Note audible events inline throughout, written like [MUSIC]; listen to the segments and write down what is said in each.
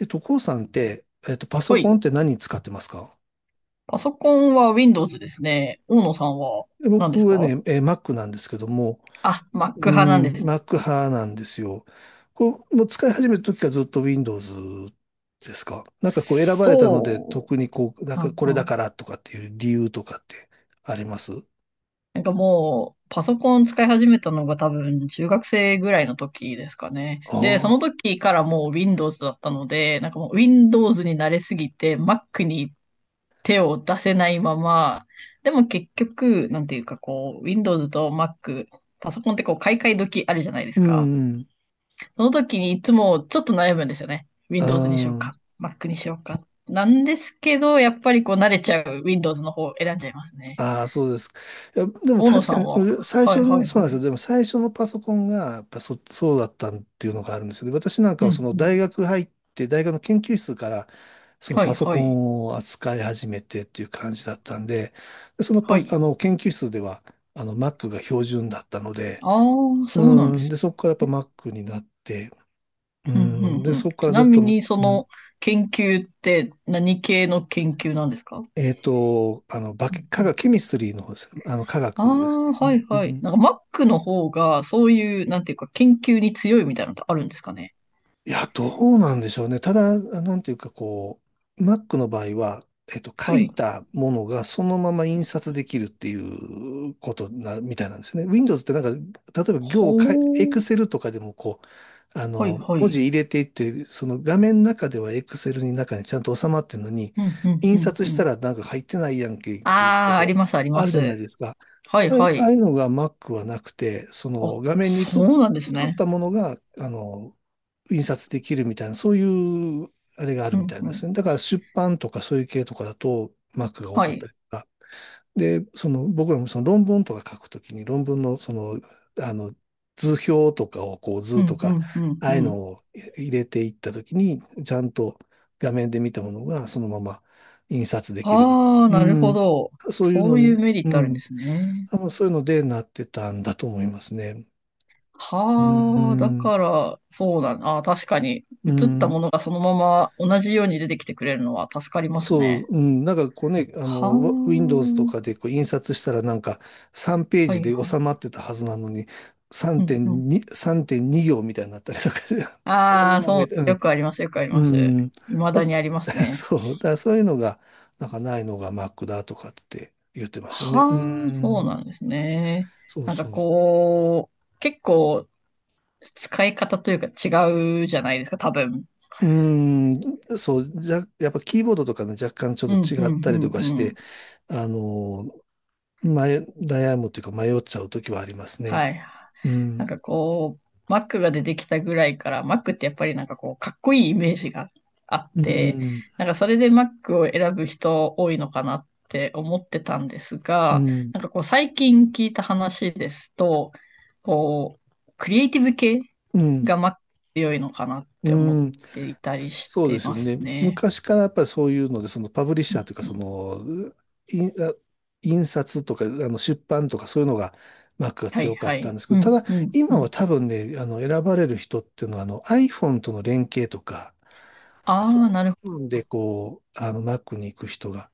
こうさんって、パソはコンい。って何使ってますか？パソコンは Windows ですね。大野さんは？で何僕ですはか？ね、Mac なんですけども、あ、Mac うー派なんでん、すね。Mac 派なんですよ。こう、もう使い始めた時からずっと Windows ですか、なんかこう選ばれたので、そ特にこう、なんう。うかんこれうだん。からとかっていう理由とかってあります？なんかもう、パソコン使い始めたのが多分中学生ぐらいの時ですかね。で、そのああ時からもう Windows だったので、なんかもう Windows に慣れすぎて Mac に手を出せないまま、でも結局、なんていうかこう、Windows と Mac、パソコンってこう買い替え時あるじゃないでー、すうん、か。うん、その時にいつもちょっと悩むんですよね。Windows にしようあ。か、Mac にしようか。なんですけど、やっぱりこう慣れちゃう Windows の方を選んじゃいますね。ああ、そうです。いや、でも大野確さんかに、は？最は初いはに、いそうなはんですよ。い。でも最初のパソコンが、やっぱそうだったっていうのがあるんですよね。私なんかうはそんのうん。大学入って、大学の研究室から、そのはパいソはコい。ンを扱い始めてっていう感じだったんで、でそのはパス、い。あの、研究室では、Mac が標準だったので、ああ、そうなんうでん、す。で、そこからやっぱ Mac になって、ううんうん、で、んうん。そこからちずなっみと、にそうん、の研究って何系の研究なんですか？化う学、んう化学、ん。ケミストリーの方です。化あ学ですあ、ね。はいうはい。ん。なんか Mac の方がそういう、なんていうか研究に強いみたいなのってあるんですかね。いや、どうなんでしょうね。ただ、なんていうかこう、Mac の場合は、書はい。いたものがそのまま印刷できるっていうことな、みたいなんですね。Windows ってなんか、例えば行をかい、ほう。Excel とかでもこう、はいは文字い。入れていって、その画面の中では Excel に中にちゃんと収まってるのに、うん、うん、印うん、刷うしたん。らなんか入ってないやんけっていうこああ、とあがります、ありあまるじゃないす。ですか。はい、はああいい。うのが Mac はなくて、その画面にそうなんです映っね。たものが、印刷できるみたいな、そういう、あれがあうるみたん、いなうんでん。すね。だから出版とかそういう系とかだと Mac が多はかったい。りとか。で、その僕らもその論文とか書くときに、論文のその、あの、図表とかをこうう図とん、うか、ん、うん、あうあいうん。のを入れていったときに、ちゃんと画面で見たものがそのまま印刷できるみたいああ、な。うなるほん。ど。そういうその、ういうメリッうトあるんでん、すね。多分そういうのでなってたんだと思いますね。ううはあ、だん。から、そうだな。確かに、う映ったん、ものがそのまま同じように出てきてくれるのは助かりますそう、ね。うん、なんかこうね、はあ、Windows とかでこう印刷したらなんか3ペーはジいで収はまってたはずなのに、い。うんうん。3.2行みたいになったりとかして、[LAUGHS] ああ、おーそみたいな、うう、よくあります、よくあります。ん、うん、未あだにあそ りますね。[LAUGHS] そう、だからそういうのが、なんかないのが Mac だとかって言ってましたね。うはあ、そうん、なんですね。そうなんかそう。こう、結構使い方というか違うじゃないですか、多分。うーん、そう、じゃ、やっぱキーボードとかね、若干ちょうっとん、う違っん、たうりとん、かうして、ん。あの、悩むというか迷っちゃうときはありますはね。い。うなんん。かこう、Mac が出てきたぐらいから、Mac ってやっぱりなんかこう、かっこいいイメージがあっうて、ん。なんかそれで Mac を選ぶ人多いのかなって思ってたんですうが、ん。なんかこう、最近聞いた話ですと、こう、クリエイティブ系うん。が Mac 強いのかなって思っうん。ていたりしそうでてすまよすね。ね。昔からやっぱりそういうので、そのパブリッシャーというか、うそん、の、いあ印刷とか、出版とかそういうのが、マックがはい強かはったんい。ですけうど、たんだ、うんう今はん。多分ね、選ばれる人っていうのは、iPhone との連携とか、あそあ、なるほういど。うので、こう、Mac に行く人が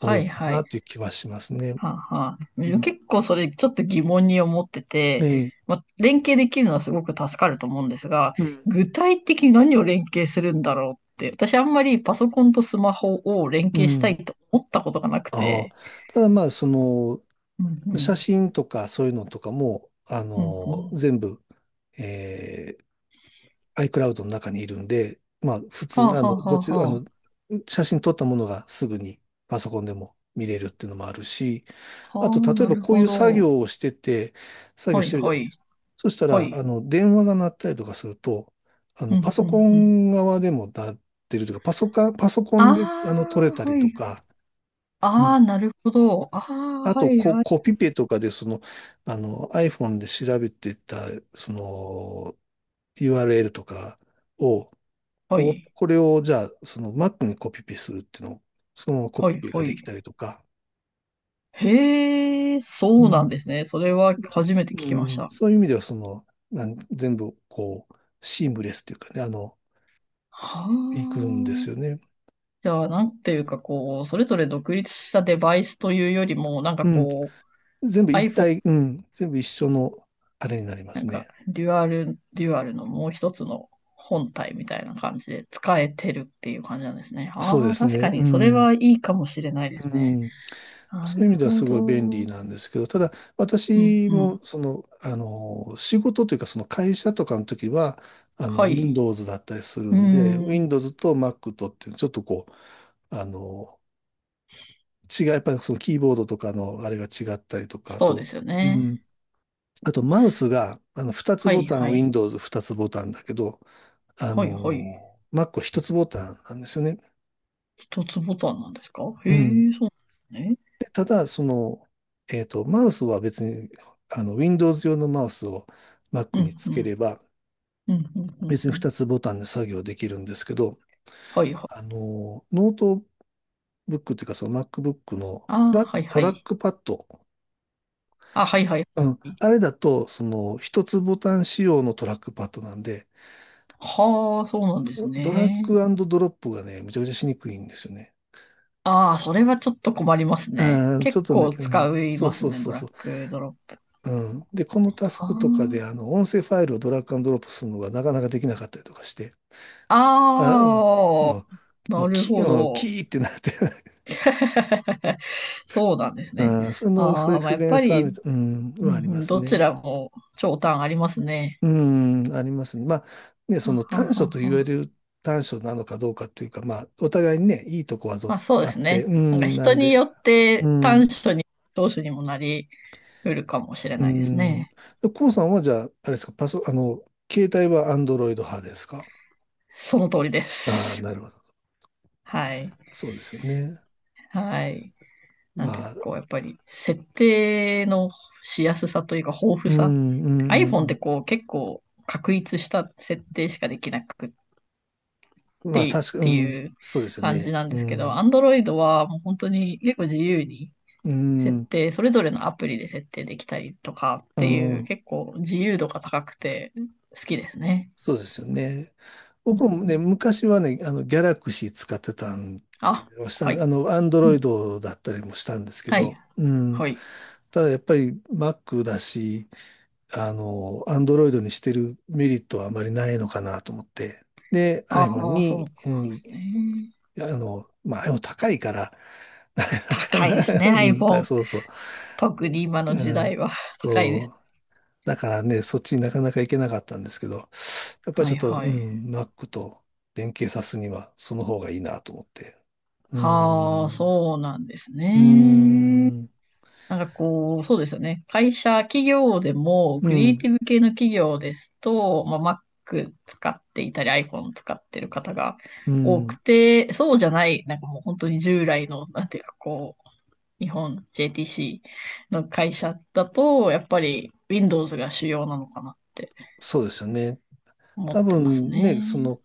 多いいのかはない。という気はしますね。はあはあ、うでもん、結構それちょっと疑問に思ってて、ええ、まあ、連携できるのはすごく助かると思うんですが、うん、具体的に何を連携するんだろうって、私あんまりパソコンとスマホを連う携したいん。と思ったことがなくああ。て。ただまあ、その、うんう写ん。真とかそういうのとかも、うんうん。全部、えiCloud の中にいるんで、まあ、普はあ通、はあはこあちら、はあ。写真撮ったものがすぐにパソコンでも見れるっていうのもあるし、あはと、あ、例えなばるこういほう作ど。業をしてて、作業はしいてるじゃはないでい。すか。そしたはら、い。電話が鳴ったりとかすると、うんパうソコんうん。ン側でも鳴ってるとか、パソコン、パソコあンで、撮れあ、たりはとい。か、ああ、なるほど。ああ、あはといはい。コピペとかで、その、iPhone で調べてた、その、URL とかを、はい。これを、じゃあ、その Mac にコピペするっていうのを、そのままコはピいペがはできい。たりとか、へえ、うそうなんん。ですね。それはだ初めて聞きうましん、た。そういう意味では、その、全部、こう、シームレスっていうかね、いくんではすあ。よね。じゃあ、なんていうか、こう、それぞれ独立したデバイスというよりも、なんかうん。こう、全部一体、うん。全部一緒の、あれになりまなすんか、ね。デュアルのもう一つの本体みたいな感じで使えてるっていう感じなんですね。そうあであ、す確かね。うに、それん。はいいかもしれないでうすね。ん。なそういうる意味ではほすごど。い便う利ん、なんですけど、ただう私ん。もその、仕事というかその会社とかの時は、はい。Windows だったりするうんで、ーん、Windows と Mac とってちょっとこう、あの、やっぱりそのキーボードとかのあれが違ったりとか、あそうでと、すようね。ん、あとマウスが、2つはボい、タン、はい。Windows2 つボタンだけど、はい、はい。Mac は1つボタンなんですよね。一つボタンなんですか？へうん。え、そうなんですね。で、ただ、その、マウスは別に、Windows 用のマウスを Mac うにん、つうけれん、ば、うん、うん、うん。別にう2ん、つボタンで作業できるんですけど、はいはい。ノートブックっていうか、その MacBook のああ、はいトはラッい。クパッド、あ、はいはい。うん、あれだと、その、1つボタン仕様のトラックパッドなんで、はあ、そうなんですドラッね。グドロップがね、めちゃくちゃしにくいんですよね。ああ、それはちょっと困りますね。うん、ちょ結っとね、構うん、使いそうますそうね、そドうラッそう。グドロップ。うん。で、このタスクあとかで、音声ファイルをドラッグアンドドロップするのがなかなかできなかったりとかして、あ、あ、うんああ、ももなう、るキほー、うんど。キーってなって [LAUGHS] [LAUGHS] そうなんですね。うん、その、そうあいうあ、まあ、不やっ便ぱさみり、たい、うん、うんうはありまん、すどちね。らも長短ありますね。うん、ありますね。まあ、ね、そはのは短所はと言われはる短所なのかどうかっていうか、まあ、お互いにね、いいとこはぞまあそうあでっすて、ね。うなんかん、な人んにで、よっうてん、短所に長所にもなり得るかもしれうないですん。ね。で、コウさんはじゃあ、あれですか、携帯はアンドロイド派ですか？その通りでああー、す。なるほど。はい。そうですよね。はい。なんていうまかあ、こう、やっぱり設定のしやすさというか豊う富ん、さ。うん、う iPhone ってん、こう結構確立した設定しかできなくっうん。まあ、てっ確か、うてん、いうそうですよ感じね。なんでうすけど、ん、Android はもう本当に結構自由にう設ん、定、それぞれのアプリで設定できたりとかっうていう、ん、結構自由度が高くて好きですね。そうですよね。うん、僕もね、昔はね、ギャラクシー使ってたんであ、しはたい。アンドうロイん、ドだったりもしたんですけはい。ど、うん。はい。ただやっぱり Mac だし、アンドロイドにしてるメリットはあまりないのかなと思って、で、iPhone ああ、そうに、うなんでん、すね。まあ、でも高いから、[LAUGHS] なか高いでなかすな、ね、うん、[LAUGHS] iPhone。そうそう。特に今の時うん、代は [LAUGHS] 高いでそす。う。だからね、そっちになかなか行けなかったんですけど、やっぱりはちょいっと、うはい。ん、Mac と連携さすには、その方がいいなと思って。うはあ、ん、そうなんですうね。ん、なんかこう、そうですよね。会社、企業でも、うクリエイテん、ィブ系の企業ですと、まあ、Mac 使っていたり、iPhone 使ってる方がう多くん、て、そうじゃない、なんかもう本当に従来の、なんていうかこう、日本 JTC の会社だと、やっぱり Windows が主要なのかなってそうですよね。思多ってます分ね、そね。の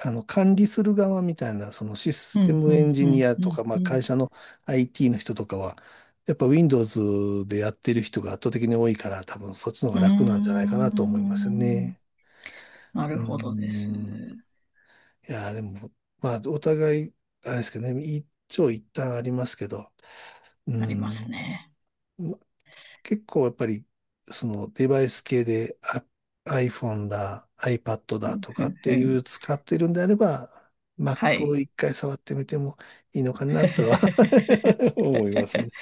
管理する側みたいな、そのシスうテん、うムエンん、ジうニん、アうとか、ん、まあう会ん。社の IT の人とかは、やっぱ Windows でやってる人が圧倒的に多いから、多分そっちの方うがー楽なんじゃないかなと思いますよん、ね。なうるーほどです。ん。いやー、でも、まあ、お互い、あれですけどね、一長一短ありますけど、うーありますん。ね。結構やっぱり、そのデバイス系でiPhone だ、iPad だとふかっんてふん。いう使ってるんであれば、は Mac をい。一回触ってみてもいいのかなとは [LAUGHS] 思いますね。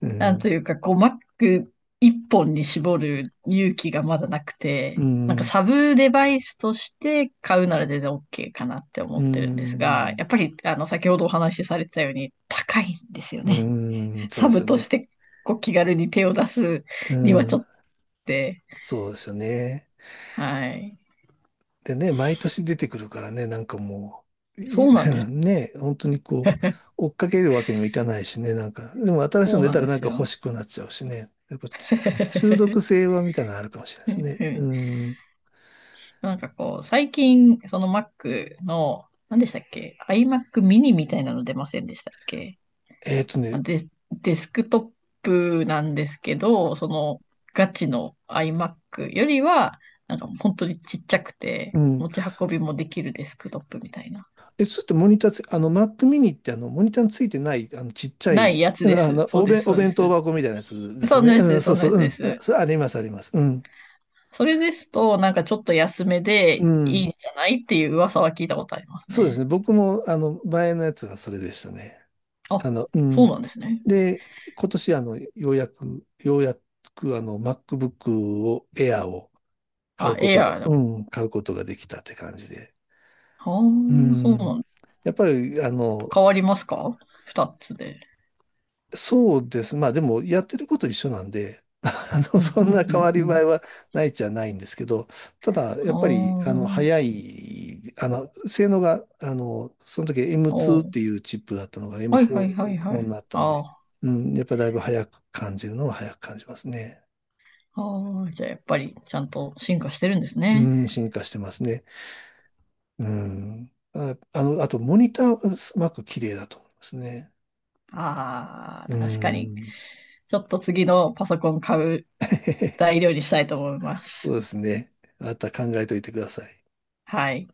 うなんん。というか、こう、Mac 一本に絞る勇気がまだなくうて、なんかん。サブデバイスとして買うなら全然 OK かなって思うってるんですが、ん。やっぱり、あの、先ほどお話しされてたように高いんですよね。うん。そうサですブよとしね。て、こう、気軽に手を出すうにはちょっん。とって、そうですよね。はい。でね、毎年出てくるからね、なんかもう、そい うなんで [LAUGHS] す。ね、本当にこう、追っかけるわけにもいかないしね、なんか、でも新しいそのう出なたんらでなんすか欲よ。しくなっちゃうしね、やっぱち中毒性はみたいなのあるかもしれないでうすんね。うん、うん。なんかこう、最近、その Mac の、何でしたっけ？ iMac mini みたいなの出ませんでしたっけ？えっとね、デスクトップなんですけど、そのガチの iMac よりは、なんか本当にちっちゃくて、うん。持ち運びもできるデスクトップみたいな。ちょっとモニターつ、あの、Mac mini ってモニターについてない、ちっちゃないい、やつうでん、す。そうです、おそうで弁当す。箱みたいなやつですそよんね。なうやつでん、す、そそうんなそやう、つうん。です。それあります、あります。うん。それですと、なんかちょっと安めうでいん。いんじゃないっていう噂は聞いたことありますそうですね。ね。僕も、前のやつがそれでしたね。あ、うそうん。なんですね。で、今年ようやくMacBook を、Air を買うあ、こエとアが、ーだ。うん、買うことができたって感じで。ああ、うそうなん。んだ。やっぱり、変わりますか、二つで？そうです。まあでも、やってること一緒なんで、[LAUGHS] うん、そうんん、なう変わり映えん、うはないじゃないんですけど、ただ、やっぱり、ん。早あい、性能が、その時 あ、M2 っお、ていうチップだったのが はいはい M4、エはムいフはォーい。になったんあで、あ、うん、やっぱだいぶ早く感じるのは早く感じますね。ああ、じゃあやっぱりちゃんと進化してるんですうね。ん、進化してますね。うん。あ、あと、モニターはすごく綺麗だと思いますね。あうあ、確かに。ん。ちょっと次のパソコン買う材 [LAUGHS] 料にしたいと思いまそうす。ですね。あなた考えといてください。はい。